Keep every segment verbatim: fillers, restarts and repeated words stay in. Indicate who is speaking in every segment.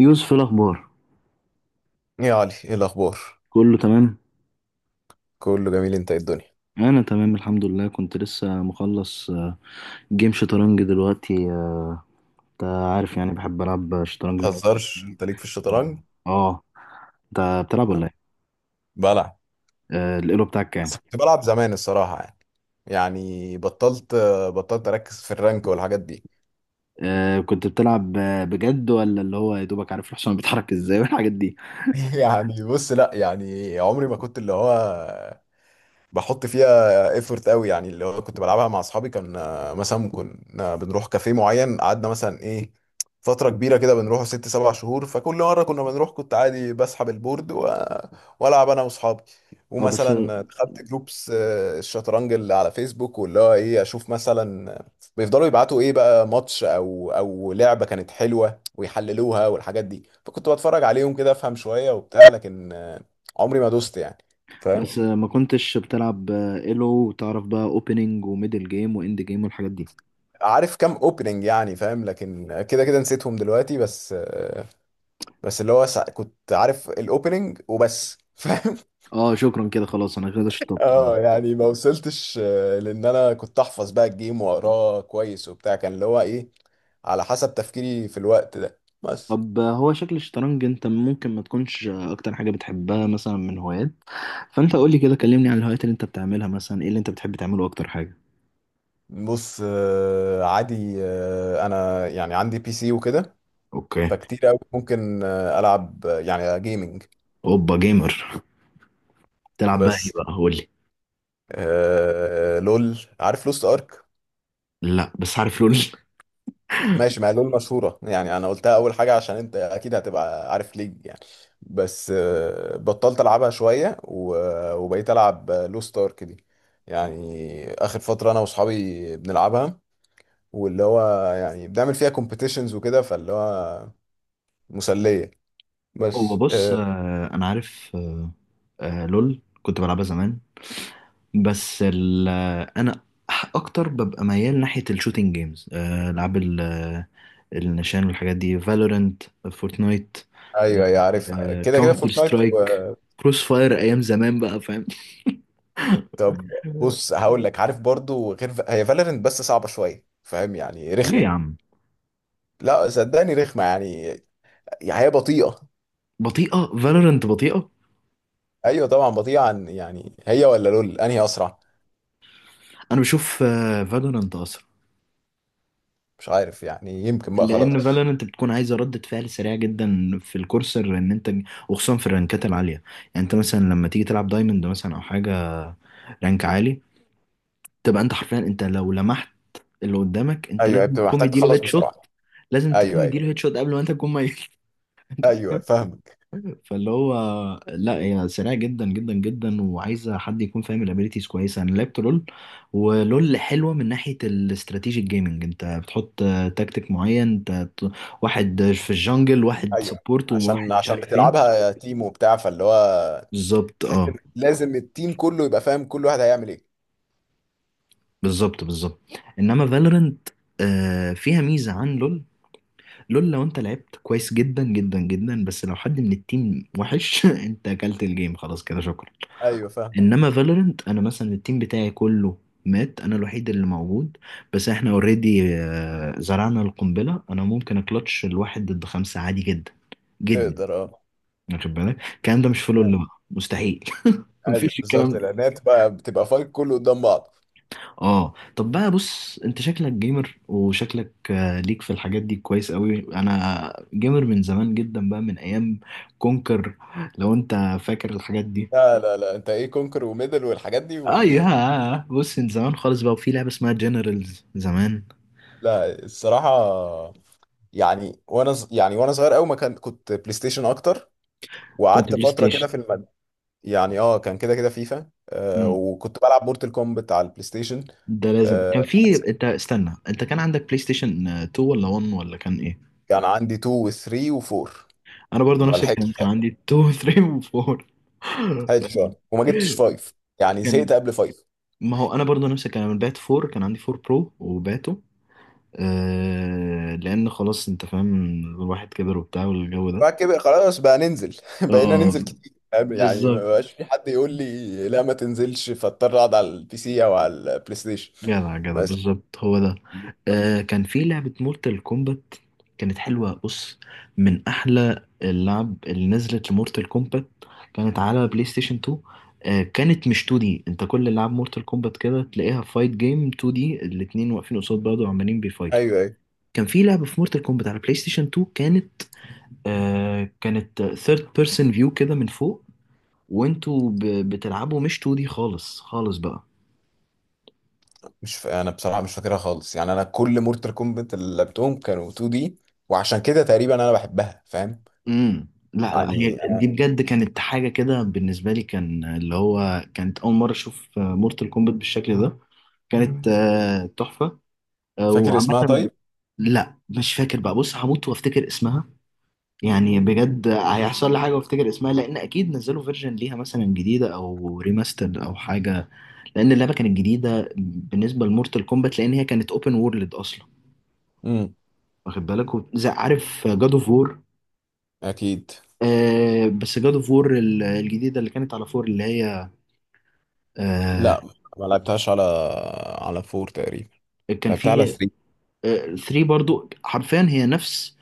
Speaker 1: يوسف، إيه الأخبار؟
Speaker 2: ايه يا علي، ايه الاخبار؟
Speaker 1: كله تمام.
Speaker 2: كله جميل. انت إيه الدنيا؟
Speaker 1: أنا تمام الحمد لله. كنت لسه مخلص آه، جيم شطرنج دلوقتي. آه، أنت عارف يعني بحب ألعب
Speaker 2: ما
Speaker 1: شطرنج من وقت
Speaker 2: تهزرش،
Speaker 1: للتاني.
Speaker 2: انت ليك في
Speaker 1: آه.
Speaker 2: الشطرنج.
Speaker 1: آه، أنت بتلعب
Speaker 2: آه،
Speaker 1: ولا إيه؟
Speaker 2: بلعب.
Speaker 1: آه، الإيلو بتاعك كام؟
Speaker 2: بس كنت بلعب زمان الصراحه، يعني يعني بطلت بطلت اركز في الرانك والحاجات دي.
Speaker 1: آه، كنت بتلعب آه، بجد ولا اللي هو يا دوبك عارف الحصان بيتحرك إزاي والحاجات دي؟
Speaker 2: يعني بص، لا، يعني عمري ما كنت اللي هو بحط فيها ايفورت قوي، يعني اللي هو كنت بلعبها مع اصحابي. كان آه، مثلا كنا بنروح كافيه معين، قعدنا مثلا ايه فترة كبيرة كده بنروحه ست سبع شهور. فكل مرة كنا بنروح كنت عادي بسحب البورد و... والعب انا واصحابي.
Speaker 1: أه، بس
Speaker 2: ومثلا دخلت جروبس آه، الشطرنج اللي على فيسبوك، واللي هو ايه اشوف مثلا بيفضلوا يبعتوا ايه بقى ماتش او او لعبة كانت حلوة، ويحللوها والحاجات دي. فكنت بتفرج عليهم كده، افهم شوية وبتاع، لكن آه، عمري ما دوست يعني، فاهم.
Speaker 1: بس آه، ما كنتش بتلعب آه، إيلو وتعرف بقى أوبننج وميدل جيم وإند جيم والحاجات دي؟
Speaker 2: عارف كام اوبننج، يعني فاهم، لكن كده كده نسيتهم دلوقتي. بس بس اللي هو سع- كنت عارف الاوبننج وبس، فاهم.
Speaker 1: أه، شكرا كده، خلاص أنا كده شطبت.
Speaker 2: اه يعني ما وصلتش، آه، لان انا كنت احفظ بقى الجيم واقراه كويس وبتاع، كان اللي هو ايه على حسب تفكيري في الوقت ده. بس
Speaker 1: طب هو شكل الشطرنج انت ممكن ما تكونش اكتر حاجة بتحبها، مثلا من هوايات، فانت قولي كده، كلمني عن الهوايات اللي انت بتعملها. مثلا ايه اللي انت بتحب تعمله اكتر حاجة؟
Speaker 2: بص، آه، عادي. آه، انا يعني عندي بي سي وكده،
Speaker 1: اوكي.
Speaker 2: فكتير قوي ممكن آه، العب، آه، يعني جيمنج.
Speaker 1: اوبا جيمر، تلعب بقى ايه
Speaker 2: بس
Speaker 1: بقى؟ قولي.
Speaker 2: آه، لول، عارف لوست ارك؟
Speaker 1: لا، بس عارف لول.
Speaker 2: ماشي، ما هي لول مشهورة يعني، أنا قلتها أول حاجة عشان أنت أكيد هتبقى عارف ليج يعني. بس آه، بطلت ألعبها شوية و- وبقيت ألعب لو ستارك دي. يعني آخر فترة أنا وأصحابي بنلعبها، واللي هو يعني بنعمل فيها كومبيتيشنز وكده، فاللي هو مسلية.
Speaker 1: هو
Speaker 2: بس
Speaker 1: بص،
Speaker 2: آه،
Speaker 1: آه، انا عارف. آه، آه، لول كنت بلعبها زمان، بس ال انا اكتر ببقى ميال ناحيه الشوتينج جيمز، العاب ال- آه، النشان والحاجات دي. فالورنت، فورتنايت،
Speaker 2: أيوه، أيوه، عارفها كده كده،
Speaker 1: كاونتر
Speaker 2: فورتنايت
Speaker 1: سترايك،
Speaker 2: و-
Speaker 1: كروس فاير ايام زمان بقى، فاهم؟
Speaker 2: طب بص، هقول لك، عارف برضو غير هي، فالورنت بس صعبة شوية، فاهم يعني
Speaker 1: ليه يا
Speaker 2: رخمة.
Speaker 1: عم؟
Speaker 2: لا صدقني رخمة يعني، يعني هي بطيئة.
Speaker 1: بطيئه؟ فالورنت بطيئه؟
Speaker 2: ايوه طبعا بطيئه. عن يعني هي ولا لول انهي اسرع؟
Speaker 1: انا بشوف فالورنت اسرع،
Speaker 2: مش عارف يعني، يمكن بقى خلاص.
Speaker 1: لان فالورنت بتكون عايزه ردة فعل سريعه جدا في الكورسر، ان انت، وخصوصا في الرانكات العاليه، يعني انت مثلا لما تيجي تلعب دايموند مثلا او حاجه، رانك عالي، تبقى انت حرفيا انت لو لمحت اللي قدامك انت
Speaker 2: ايوه،
Speaker 1: لازم
Speaker 2: بتبقى
Speaker 1: تكون
Speaker 2: محتاج
Speaker 1: مديله
Speaker 2: تخلص
Speaker 1: هيد شوت،
Speaker 2: بسرعه.
Speaker 1: لازم تكون
Speaker 2: ايوه، ايوه،
Speaker 1: مديله هيد شوت قبل ما انت تكون ميت.
Speaker 2: ايوه، فاهمك.
Speaker 1: فاللي هو، لا هي سريعه جدا جدا جدا وعايزه حد يكون فاهم الابيليتيز كويسه. انا لعبت لول، ولول حلوه من ناحيه الاستراتيجيك جيمنج، انت بتحط آه، تكتيك معين، انت ت- واحد في الجنجل، واحد
Speaker 2: ايوه،
Speaker 1: سبورت،
Speaker 2: عشان
Speaker 1: وواحد مش
Speaker 2: عشان
Speaker 1: عارف فين.
Speaker 2: بتلعبها تيم وبتاع، فاللي هو
Speaker 1: بالظبط.
Speaker 2: تحس ان
Speaker 1: اه
Speaker 2: لازم التيم كله يبقى فاهم كل واحد هيعمل ايه.
Speaker 1: بالظبط، بالظبط. انما فالورنت فيها ميزه عن لول. لول لو انت لعبت كويس جدا جدا جدا بس لو حد من التيم وحش انت اكلت الجيم خلاص كده، شكرا.
Speaker 2: ايوه فاهم،
Speaker 1: انما فالورنت انا مثلا التيم بتاعي كله مات، انا الوحيد اللي موجود، بس احنا اوريدي زرعنا القنبله، انا ممكن اكلتش الواحد ضد خمسه عادي جدا جدا.
Speaker 2: تقدر اه.
Speaker 1: واخد بالك الكلام ده مش في لول بقى، مستحيل.
Speaker 2: ايوه
Speaker 1: مفيش
Speaker 2: بالظبط،
Speaker 1: الكلام.
Speaker 2: لان هي بتبقى بتبقى فايت كله قدام بعض.
Speaker 1: اه طب بقى بص، انت شكلك جيمر وشكلك آه، ليك في الحاجات دي كويس قوي. انا جيمر من زمان جدا بقى، من ايام كونكر. لو انت فاكر الحاجات دي.
Speaker 2: لا لا لا، انت ايه كونكر وميدل والحاجات دي و...
Speaker 1: اه يا بص، من زمان خالص بقى، وفي لعبة اسمها جنرالز زمان.
Speaker 2: لا الصراحه، يعني وانا ص- يعني وانا صغير قوي ما كان، كنت بلاي ستيشن اكتر.
Speaker 1: كنت
Speaker 2: وقعدت
Speaker 1: بلاي
Speaker 2: فتره
Speaker 1: ستيشن.
Speaker 2: كده في المد. يعني اه كان كده كده فيفا، آه
Speaker 1: امم،
Speaker 2: وكنت بلعب مورتال كومبت على البلاي ستيشن.
Speaker 1: ده لازم كان في، انت استنى، انت كان عندك بلاي ستيشن آه، اتنين ولا واحد ولا كان ايه؟
Speaker 2: كان عندي اتنين و3 و4.
Speaker 1: انا برضو
Speaker 2: ما
Speaker 1: نفس الكلام،
Speaker 2: لحقتش
Speaker 1: كان
Speaker 2: طبعا.
Speaker 1: عندي اتنين، تلاته و اربعه.
Speaker 2: لحقتش طبعا. وما جبتش فايف، يعني زهقت
Speaker 1: كان،
Speaker 2: قبل فايف.
Speaker 1: ما هو انا برضو نفس الكلام، البات اربعه، كان عندي اربعه برو وباته. آه لان خلاص انت فاهم، الواحد كبر وبتاع والجو ده.
Speaker 2: بعد كده خلاص بقى ننزل. بقينا
Speaker 1: اه
Speaker 2: ننزل كتير، فاهم؟ يعني ما
Speaker 1: بالظبط.
Speaker 2: بقاش في حد يقول لي لا ما تنزلش، فاضطر اقعد على البي سي او على البلاي ستيشن.
Speaker 1: جدع جدع،
Speaker 2: بس
Speaker 1: بالظبط هو ده. آه كان في لعبة مورتال كومبات كانت حلوة بص، من أحلى اللعب اللي نزلت لمورتال كومبات، كانت على بلاي ستيشن اتنين. آه كانت مش اتنين دي، انت كل اللعب مورتال كومبات كده تلاقيها فايت جيم، اتنين دي الاتنين واقفين قصاد بعض وعمالين بيفايتوا.
Speaker 2: ايوه، ايوه.
Speaker 1: كان في لعبة في مورتال كومبات على بلاي ستيشن اتنين كانت، آه كانت ثيرد بيرسون فيو كده من فوق، وانتوا ب- بتلعبوا، مش اتنين دي خالص خالص بقى.
Speaker 2: مش ف... انا بصراحه مش فاكرها خالص، يعني انا كل مورتال كومبت اللي لعبتهم كانوا 2 دي، وعشان كده تقريبا انا بحبها، فاهم.
Speaker 1: امم لا لا،
Speaker 2: يعني
Speaker 1: هي دي
Speaker 2: آه،
Speaker 1: بجد كانت حاجة كده بالنسبة لي، كان اللي هو كانت أول مرة أشوف مورتال كومبات بالشكل ده. كانت آه، تحفة. آه،
Speaker 2: فاكر اسمها
Speaker 1: وعامة،
Speaker 2: طيب؟
Speaker 1: لا مش فاكر بقى، بص هموت وافتكر اسمها، يعني بجد هيحصل لي حاجه وافتكر اسمها، لان اكيد نزلوا فيرجن ليها مثلا جديده او ريماسترد او حاجه، لان اللعبه كانت جديده بالنسبه لمورتال كومبات، لان هي كانت اوبن وورلد اصلا.
Speaker 2: امم
Speaker 1: واخد بالك وب- زي عارف جاد اوف وور؟
Speaker 2: اكيد.
Speaker 1: آه بس جاد اوف وور الجديده اللي كانت على فور اللي هي، آه
Speaker 2: لا ما لعبتهاش على على فور تقريبا،
Speaker 1: كان
Speaker 2: لعبتها على
Speaker 1: في
Speaker 2: تلاتة.
Speaker 1: تلاته برضو، حرفيا هي نفس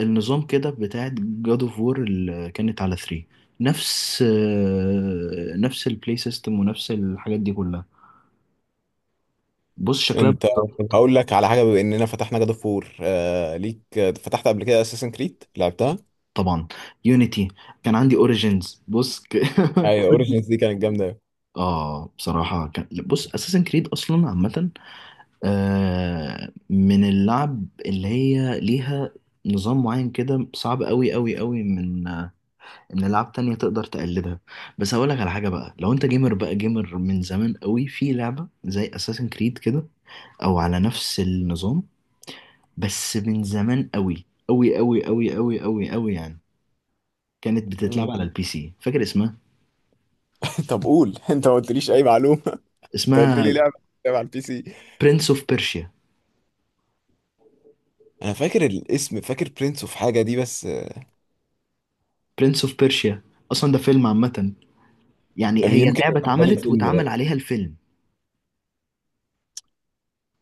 Speaker 1: النظام كده بتاعت جاد اوف وور اللي كانت على تلاته، نفس آه، نفس البلاي سيستم ونفس الحاجات دي كلها، بص شكلها
Speaker 2: انت طب
Speaker 1: بالظبط.
Speaker 2: هقول لك على حاجه، بما اننا فتحنا جاد اوف فور، آه ليك آه، فتحت قبل كده اساسن كريد، لعبتها.
Speaker 1: طبعا، يونيتي، كان عندي اوريجينز بص ك...
Speaker 2: ايوه اوريجينز دي كانت جامده أوي.
Speaker 1: اه بصراحة كان بص، اساسن كريد اصلا عامة آه من اللعب اللي هي ليها نظام معين كده صعب قوي قوي قوي، من آه، ان لعب تانية تقدر تقلدها. بس هقول لك على حاجة بقى، لو انت جيمر بقى، جيمر من زمان قوي، في لعبة زي اساسن كريد كده، او على نفس النظام، بس من زمان قوي قوي قوي قوي قوي قوي قوي يعني، كانت بتتلعب
Speaker 2: مم.
Speaker 1: على البي سي، فاكر اسمها؟
Speaker 2: طب قول، انت ما قلتليش اي معلومه. انت قلت
Speaker 1: اسمها
Speaker 2: لي لعبه لعبه على البي سي.
Speaker 1: برنس اوف بيرشيا.
Speaker 2: انا فاكر الاسم، فاكر برنس اوف حاجه دي، بس آه،
Speaker 1: برنس اوف بيرشيا، اصلا ده فيلم عامه، يعني هي
Speaker 2: يمكن
Speaker 1: اللعبه
Speaker 2: كان بالي
Speaker 1: اتعملت
Speaker 2: الفيلم
Speaker 1: واتعمل
Speaker 2: ده،
Speaker 1: عليها الفيلم.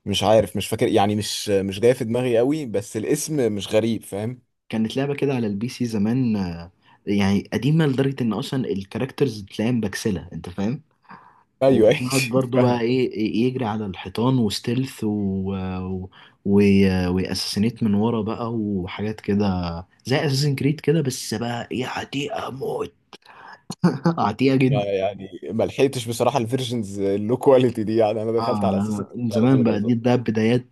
Speaker 2: مش عارف، مش فاكر يعني، مش مش جاي في دماغي قوي، بس الاسم مش غريب، فاهم.
Speaker 1: كانت لعبه كده على البي سي زمان، آه، يعني قديمه لدرجه ان اصلا الكاركترز تلاقيها مبكسله، انت فاهم.
Speaker 2: ايوه. أيوة،
Speaker 1: وبنقعد برضه بقى،
Speaker 2: فاهم.
Speaker 1: ايه إيه، يجري على الحيطان وستيلث، و... و... و... واساسينيت من ورا بقى وحاجات كده، زي اساسن كريد كده بس بقى ايه، عتيقه موت. عتيقه جدا.
Speaker 2: يعني ما لحقتش بصراحه الفيرجنز اللو كواليتي دي، يعني انا دخلت
Speaker 1: اه
Speaker 2: على اساس إن
Speaker 1: أنا من
Speaker 2: كنت على
Speaker 1: زمان
Speaker 2: طول
Speaker 1: بقى،
Speaker 2: اصلا.
Speaker 1: دي ده بدايات،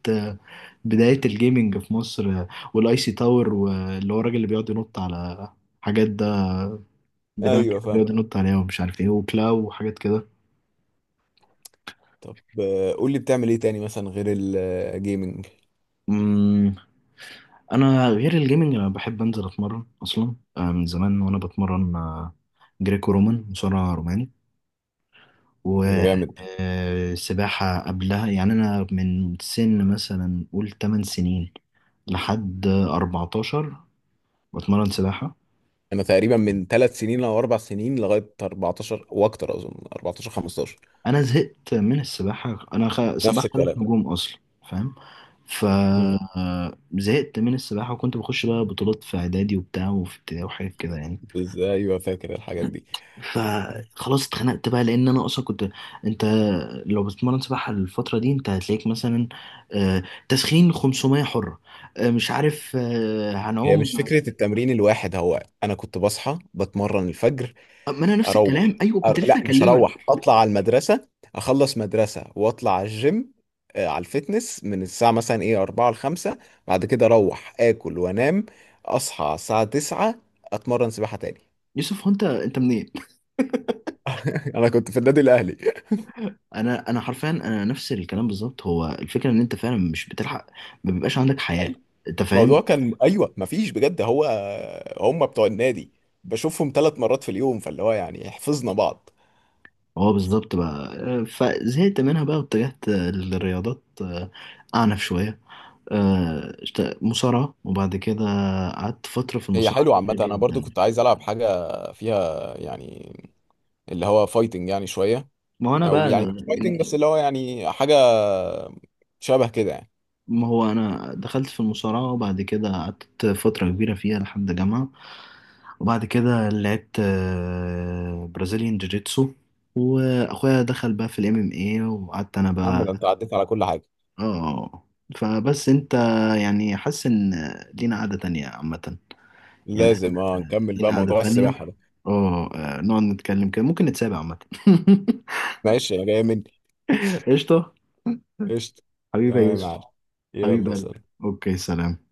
Speaker 1: بداية الجيمنج في مصر، والاي سي تاور، واللي هو الراجل اللي بيقعد ينط على حاجات ده، بتاع
Speaker 2: ايوه
Speaker 1: كده
Speaker 2: فاهم.
Speaker 1: بيقعد ينط عليها ومش عارف ايه، وكلاو وحاجات كده.
Speaker 2: طب آه، قول لي بتعمل ايه تاني مثلا غير الجيمنج؟
Speaker 1: أمم، انا غير الجيمنج انا بحب انزل اتمرن اصلا، آه، من زمان وانا بتمرن آه، جريكو رومان، مصارع روماني،
Speaker 2: يبقى جامد.
Speaker 1: وسباحة قبلها، يعني انا من سن مثلا قول تمن سنين لحد اربعتاشر بتمرن سباحة.
Speaker 2: انا تقريبا من ثلاث سنين او اربع سنين لغايه اربعتاشر واكتر، اظن اربعة عشر خمستاشر.
Speaker 1: انا زهقت من السباحه، انا خ...
Speaker 2: نفس
Speaker 1: سباحه ثلاث
Speaker 2: الكلام.
Speaker 1: نجوم اصلا، فاهم؟ ف
Speaker 2: امم
Speaker 1: آه، زهقت من السباحه وكنت بخش بقى بطولات في اعدادي وبتاع وفي ابتدائي وحاجات كده يعني.
Speaker 2: بس ايوه فاكر الحاجات دي.
Speaker 1: فخلاص اتخنقت بقى، لان انا اصلا كنت، انت لو بتتمرن سباحه الفتره دي انت هتلاقيك مثلا آه، تسخين خمسمية حره، آه، مش عارف آه،
Speaker 2: هي مش
Speaker 1: هنعوم.
Speaker 2: فكرة التمرين الواحد، هو أنا كنت بصحى بتمرن الفجر.
Speaker 1: آه، ما انا نفس
Speaker 2: اروح
Speaker 1: الكلام ايوه، كنت
Speaker 2: أر...
Speaker 1: لسه
Speaker 2: لا مش
Speaker 1: اكلمك.
Speaker 2: هروح، اطلع على المدرسه، اخلص مدرسه واطلع على الجيم، آه، على الفتنس من الساعه مثلا ايه اربعة ل خمسة. بعد كده اروح اكل وانام، اصحى على الساعه تسعة اتمرن سباحه تاني.
Speaker 1: يوسف هو انت انت منين؟
Speaker 2: انا كنت في النادي الاهلي.
Speaker 1: انا انا حرفيا انا نفس الكلام بالظبط، هو الفكره ان انت فعلا مش بتلحق، ما بيبقاش عندك حياه،
Speaker 2: أيوة.
Speaker 1: انت
Speaker 2: الموضوع
Speaker 1: فاهم.
Speaker 2: كان ايوه مفيش بجد، هو هم بتوع النادي بشوفهم ثلاث مرات في اليوم، فاللي هو يعني حفظنا بعض.
Speaker 1: هو بالظبط بقى، آه، فزهقت منها بقى واتجهت آه، للرياضات آه، اعنف شويه، آه، اشت- مصارعه، وبعد كده قعدت فتره في
Speaker 2: هي
Speaker 1: المصارعه
Speaker 2: حلوة عامة،
Speaker 1: كبيرة
Speaker 2: أنا برضو
Speaker 1: جدا.
Speaker 2: كنت عايز ألعب حاجة فيها يعني اللي هو فايتنج يعني شوية،
Speaker 1: ما هو انا
Speaker 2: او
Speaker 1: بقى،
Speaker 2: يعني مش فايتنج، بس اللي هو يعني حاجه شبه كده يعني.
Speaker 1: ما هو انا دخلت في المصارعه، وبعد كده قعدت فتره كبيره فيها لحد جامعه، وبعد كده لعبت آه، برازيليان جوجيتسو، واخويا دخل بقى في الام ام اي، وقعدت انا
Speaker 2: يا عم
Speaker 1: بقى.
Speaker 2: ده انت عديت على كل حاجه!
Speaker 1: اه. فبس انت، يعني حاسس ان لينا قعده تانية عامه، يعني
Speaker 2: لازم اه نكمل بقى
Speaker 1: لينا قعده
Speaker 2: موضوع
Speaker 1: تانية.
Speaker 2: السباحه ده.
Speaker 1: اه، آه، نقعد نتكلم كده، ممكن نتسابق عامه.
Speaker 2: ماشي، انا جاي مني.
Speaker 1: قشطه.
Speaker 2: قشطه.
Speaker 1: حبيبي يا
Speaker 2: تمام يا
Speaker 1: يوسف.
Speaker 2: معلم.
Speaker 1: حبيب
Speaker 2: يلا
Speaker 1: قلبي.
Speaker 2: سلام.
Speaker 1: اوكي سلام.